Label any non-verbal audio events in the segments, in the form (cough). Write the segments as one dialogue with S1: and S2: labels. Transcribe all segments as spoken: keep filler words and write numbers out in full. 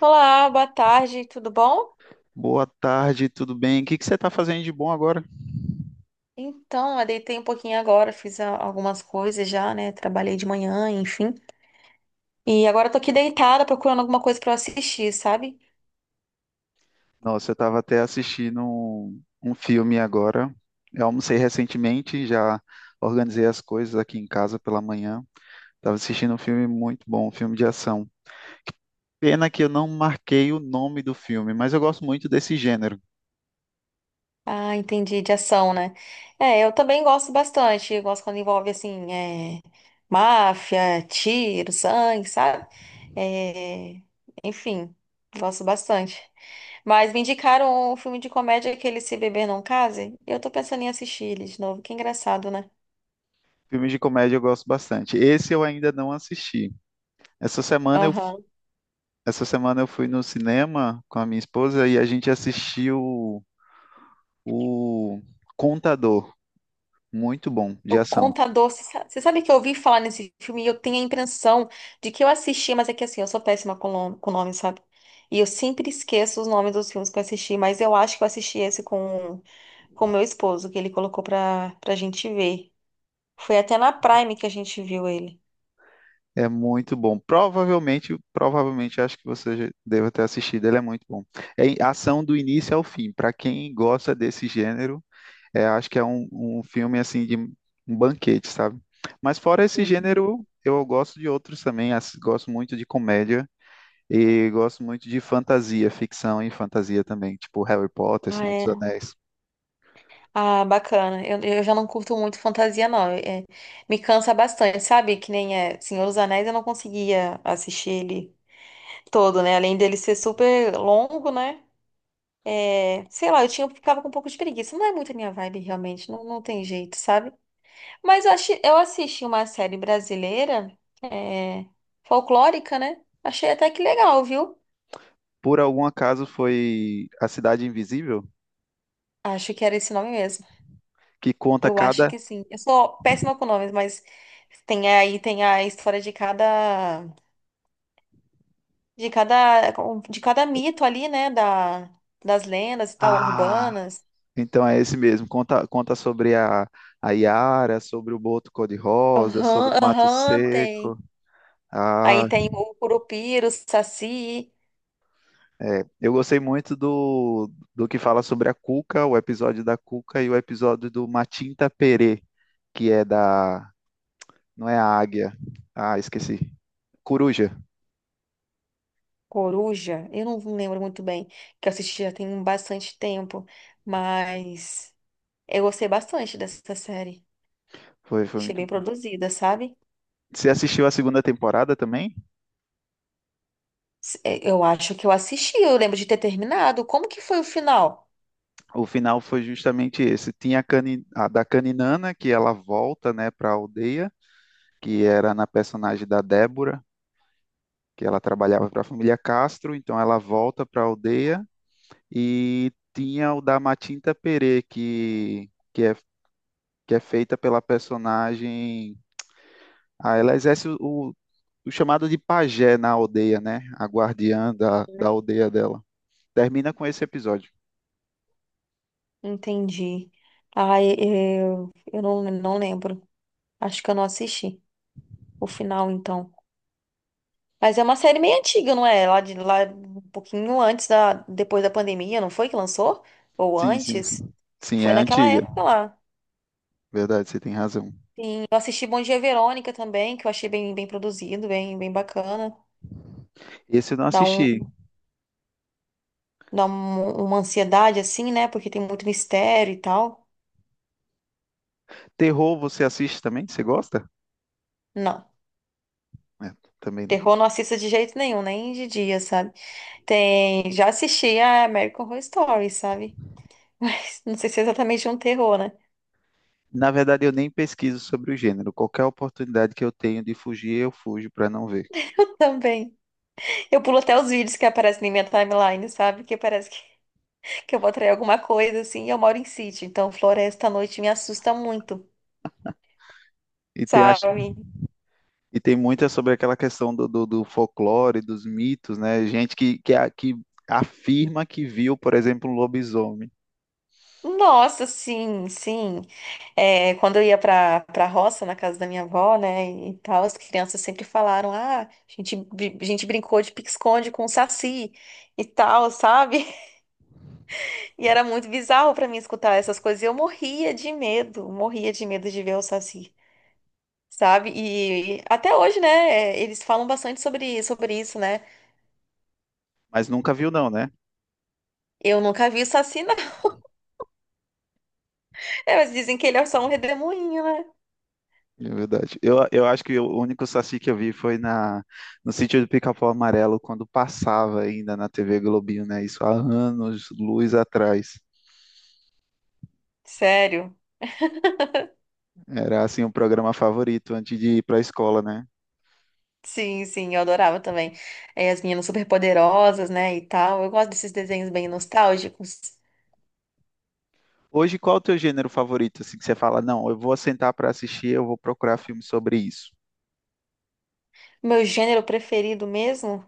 S1: Olá, boa tarde, tudo bom?
S2: Boa tarde, tudo bem? O que que você está fazendo de bom agora?
S1: Então, eu deitei um pouquinho agora, fiz a- algumas coisas já, né? Trabalhei de manhã, enfim. E agora eu tô aqui deitada procurando alguma coisa pra eu assistir, sabe?
S2: Nossa, eu estava até assistindo um, um filme agora. Eu almocei recentemente, já organizei as coisas aqui em casa pela manhã. Estava assistindo um filme muito bom, um filme de ação. Pena que eu não marquei o nome do filme, mas eu gosto muito desse gênero.
S1: Ah, entendi, de ação, né? É, eu também gosto bastante. Eu gosto quando envolve, assim, é, máfia, tiro, sangue, sabe? É, enfim, gosto bastante. Mas me indicaram um filme de comédia, aquele Se Beber Não Case, e eu tô pensando em assistir ele de novo, que engraçado, né?
S2: Filmes de comédia eu gosto bastante. Esse eu ainda não assisti. Essa semana eu,
S1: Aham.
S2: Essa semana eu fui no cinema com a minha esposa e a gente assistiu o Contador. Muito bom, de
S1: O
S2: ação.
S1: Contador, você sa- você sabe que eu ouvi falar nesse filme e eu tenho a impressão de que eu assisti, mas é que assim, eu sou péssima com nome, com nome, sabe? E eu sempre esqueço os nomes dos filmes que eu assisti, mas eu acho que eu assisti esse com com meu esposo, que ele colocou pra, pra gente ver. Foi até na Prime que a gente viu ele.
S2: É muito bom. Provavelmente, provavelmente acho que você já deva ter assistido. Ele é muito bom. É em- ação do início ao fim. Para quem gosta desse gênero, é, acho que é um, um filme assim de um banquete, sabe? Mas fora esse
S1: Uhum.
S2: gênero, eu gosto de outros também. As- Gosto muito de comédia e gosto muito de fantasia, ficção e fantasia também, tipo Harry Potter,
S1: Ah,
S2: Senhor dos
S1: é.
S2: Anéis.
S1: Ah, bacana. Eu, eu já não curto muito fantasia, não. É, é, me cansa bastante, sabe? Que nem é Senhor dos Anéis, eu não conseguia assistir ele todo, né? Além dele ser super longo, né? É, sei lá, eu tinha, eu ficava com um pouco de preguiça. Não é muito a minha vibe, realmente. Não, não tem jeito, sabe? Mas eu, achei, eu assisti uma série brasileira, é, folclórica, né? Achei até que legal, viu?
S2: Por algum acaso foi A Cidade Invisível,
S1: Acho que era esse nome mesmo.
S2: que conta
S1: Eu acho
S2: cada.
S1: que sim. Eu sou péssima com nomes, mas tem aí tem a história de cada de cada de cada mito ali, né? Da, das lendas e tal,
S2: Ah,
S1: urbanas.
S2: então é esse mesmo. Conta, conta sobre a, a Yara, sobre o Boto Cor-de-Rosa,
S1: Aham,
S2: sobre o Mato
S1: aham, tem.
S2: Seco. Ah,
S1: Aí tem o Curupira, o Saci.
S2: é. Eu gostei muito do, do que fala sobre a Cuca, o episódio da Cuca e o episódio do Matinta Perê, que é da. Não é a águia. Ah, esqueci. Coruja.
S1: Coruja, eu não lembro muito bem, que eu assisti já tem bastante tempo, mas eu gostei bastante dessa série.
S2: Foi, foi
S1: Achei
S2: muito
S1: bem
S2: bom.
S1: produzida, sabe?
S2: Você assistiu a segunda temporada também?
S1: S- é, eu acho que eu assisti, eu lembro de ter terminado. Como que foi o final?
S2: O final foi justamente esse. Tinha a, cani, a da Caninana, que ela volta, né, para a aldeia, que era na personagem da Débora, que ela trabalhava para a família Castro, então ela volta para a aldeia e tinha o da Matinta Perê, que, que, é, que é feita pela personagem. Ah, ela exerce o, o chamado de pajé na aldeia, né? A guardiã da, da aldeia dela. Termina com esse episódio.
S1: Entendi. Ai, eu, eu não, não lembro. Acho que eu não assisti o final, então. Mas é uma série meio antiga, não é? Lá de lá um pouquinho antes da depois da pandemia, não foi que lançou? Ou
S2: Sim, sim,
S1: antes?
S2: sim. Sim,
S1: Foi
S2: é
S1: naquela
S2: antiga.
S1: época lá.
S2: Verdade, você tem razão.
S1: Eu assisti Bom Dia Verônica também, que eu achei bem, bem produzido, bem, bem bacana.
S2: Esse eu não
S1: Dá
S2: assisti.
S1: um, dá um- uma ansiedade assim, né? Porque tem muito mistério e tal.
S2: Terror, você assiste também? Você gosta?
S1: Não.
S2: É, também não.
S1: Terror não assista de jeito nenhum, nem de dia, sabe? Tem, já assisti a American Horror Story, sabe? (laughs) Mas não sei se é exatamente um terror, né?
S2: Na verdade, eu nem pesquiso sobre o gênero. Qualquer oportunidade que eu tenho de fugir, eu fujo para não ver.
S1: (laughs) Também. Eu pulo até os vídeos que aparecem na minha timeline, sabe? Que parece que, que eu vou atrair alguma coisa, assim. E eu moro em sítio, então floresta à noite me assusta muito,
S2: E tem, acho-
S1: sabe?
S2: e tem muita sobre aquela questão do, do, do folclore, dos mitos, né? Gente que, que, a- que afirma que viu, por exemplo, um lobisomem,
S1: Nossa, sim, sim. É, quando eu ia pra, pra roça, na casa da minha avó, né, e tal, as crianças sempre falaram: ah, a gente, bri- a gente brincou de pique-esconde com o saci e tal, sabe? (laughs) E era muito bizarro pra mim escutar essas coisas. E eu morria de medo, morria de medo de ver o saci, sabe? E até hoje, né, é, eles falam bastante sobre, sobre isso, né?
S2: mas nunca viu, não, né?
S1: Eu nunca vi o Saci, não. (laughs) É, mas dizem que ele é só um redemoinho, né?
S2: É verdade. Eu, eu acho que o único saci que eu vi foi na, no sítio do Pica-Pau Amarelo, quando passava ainda na T V Globinho, né? Isso há anos, luz atrás.
S1: Sério.
S2: Era, assim, o programa favorito antes de ir para a escola, né?
S1: Sim, sim, eu adorava também. É, as meninas superpoderosas, né, e tal. Eu gosto desses desenhos bem nostálgicos.
S2: Hoje, qual é o teu gênero favorito? Assim, que você fala, não, eu vou sentar para assistir, eu vou procurar filme sobre isso.
S1: Meu gênero preferido mesmo?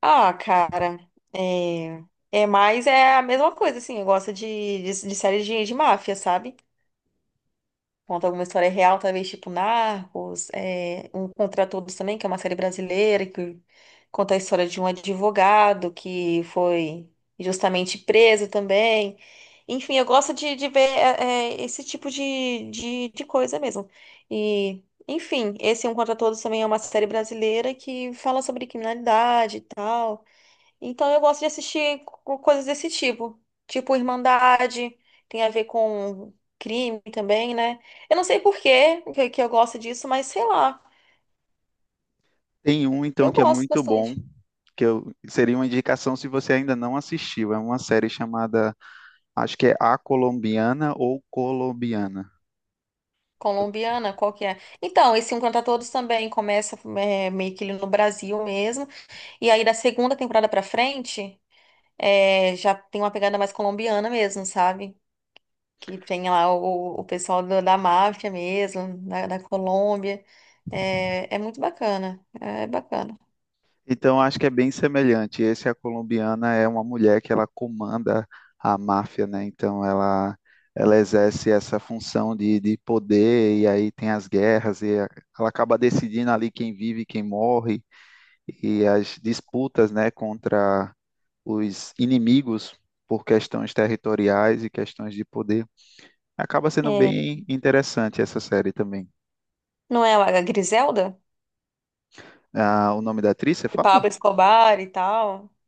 S1: Ah, cara, é... É mais é a mesma coisa, assim, eu gosto de, de, de série de, de máfia, sabe? Conta alguma história real, talvez tipo Narcos, é, Um Contra Todos também, que é uma série brasileira, que conta a história de um advogado que foi justamente preso também. Enfim, eu gosto de, de ver é, é, esse tipo de, de, de coisa mesmo. E, enfim, esse Um Contra Todos também é uma série brasileira que fala sobre criminalidade e tal. Então eu gosto de assistir co- coisas desse tipo. Tipo Irmandade, tem a ver com crime também, né? Eu não sei por quê que que eu gosto disso, mas sei lá.
S2: Tem um, então,
S1: Eu
S2: que é
S1: gosto
S2: muito bom,
S1: bastante.
S2: que eu, seria uma indicação se você ainda não assistiu. É uma série chamada, acho que é A Colombiana ou Colombiana.
S1: Colombiana, qual que é? Então, esse Um Contra Todos também começa é, meio que ele no Brasil mesmo. E aí da segunda temporada pra frente, é, já tem uma pegada mais colombiana mesmo, sabe? Que tem lá o, o pessoal do- da máfia mesmo, da, da Colômbia. É, é muito bacana, é bacana.
S2: Então, acho que é bem semelhante. Esse, a colombiana, é uma mulher que ela comanda a máfia, né? Então, ela, ela exerce essa função de, de poder, e aí tem as guerras, e a- ela acaba decidindo ali quem vive e quem morre, e as disputas, né, contra os inimigos por questões territoriais e questões de poder. Acaba sendo
S1: É,
S2: bem interessante essa série também.
S1: não é a Griselda?
S2: Ah, o nome da atriz, você
S1: De
S2: fala?
S1: Pablo Escobar e tal. (laughs)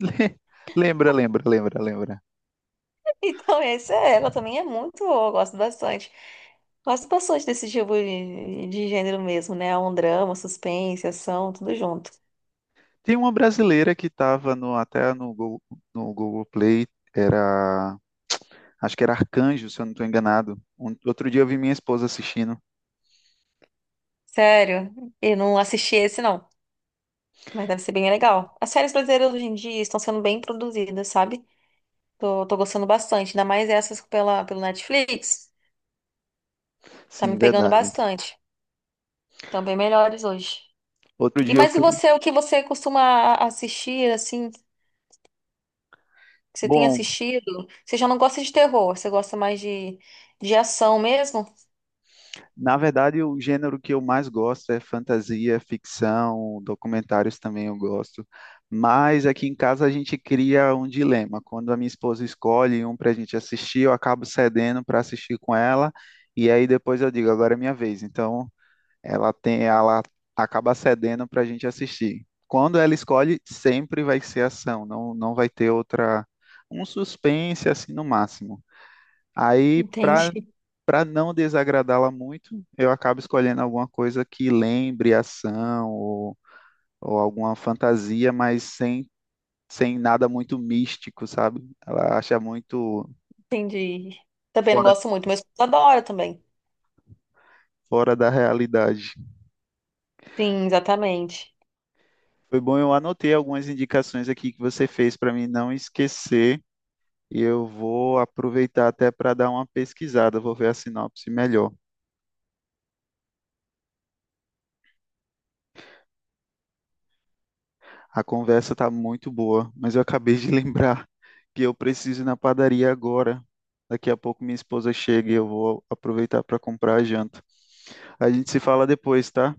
S2: (laughs) Lembra, lembra, lembra, lembra.
S1: Então, essa é ela, também é muito boa, eu gosto bastante. Gosto bastante desse tipo de, de gênero mesmo, né? Um drama, suspense, ação, tudo junto.
S2: Tem uma brasileira que estava no, até no Google, no Google Play, era, acho que era Arcanjo, se eu não estou enganado. Um- outro dia eu vi minha esposa assistindo.
S1: Sério, eu não assisti esse não, mas deve ser bem legal. As séries brasileiras hoje em dia estão sendo bem produzidas, sabe? Tô, tô gostando bastante, ainda mais essas pela, pelo Netflix. Tá me
S2: Sim,
S1: pegando
S2: verdade.
S1: bastante. Estão bem melhores hoje.
S2: Outro
S1: E
S2: dia eu
S1: mas e
S2: fui.
S1: você, o que você costuma a- assistir, assim, que você tem
S2: Bom,
S1: assistido? Você já não gosta de terror, você gosta mais de, de ação mesmo?
S2: na verdade o gênero que eu mais gosto é fantasia, ficção, documentários também eu gosto. Mas aqui em casa a gente cria um dilema. Quando a minha esposa escolhe um para a gente assistir, eu acabo cedendo para assistir com ela. E aí depois eu digo, agora é minha vez. Então ela tem, ela acaba cedendo para a gente assistir. Quando ela escolhe, sempre vai ser ação, não, não vai ter outra, um suspense assim no máximo. Aí, para
S1: Entendi,
S2: Para não desagradá-la muito, eu acabo escolhendo alguma coisa que lembre ação ou, ou alguma fantasia, mas sem, sem nada muito místico, sabe? Ela acha muito
S1: (laughs) entendi. Também não
S2: fora,
S1: gosto muito, mas adoro também.
S2: fora da realidade.
S1: Sim, exatamente.
S2: Foi bom, eu anotei algumas indicações aqui que você fez para mim não esquecer, e eu vou aproveitar até para dar uma pesquisada, vou ver a sinopse melhor. A conversa está muito boa, mas eu acabei de (laughs) lembrar que eu preciso ir na padaria agora. Daqui a pouco minha esposa chega e eu vou aproveitar para comprar a janta. A gente se fala depois, tá?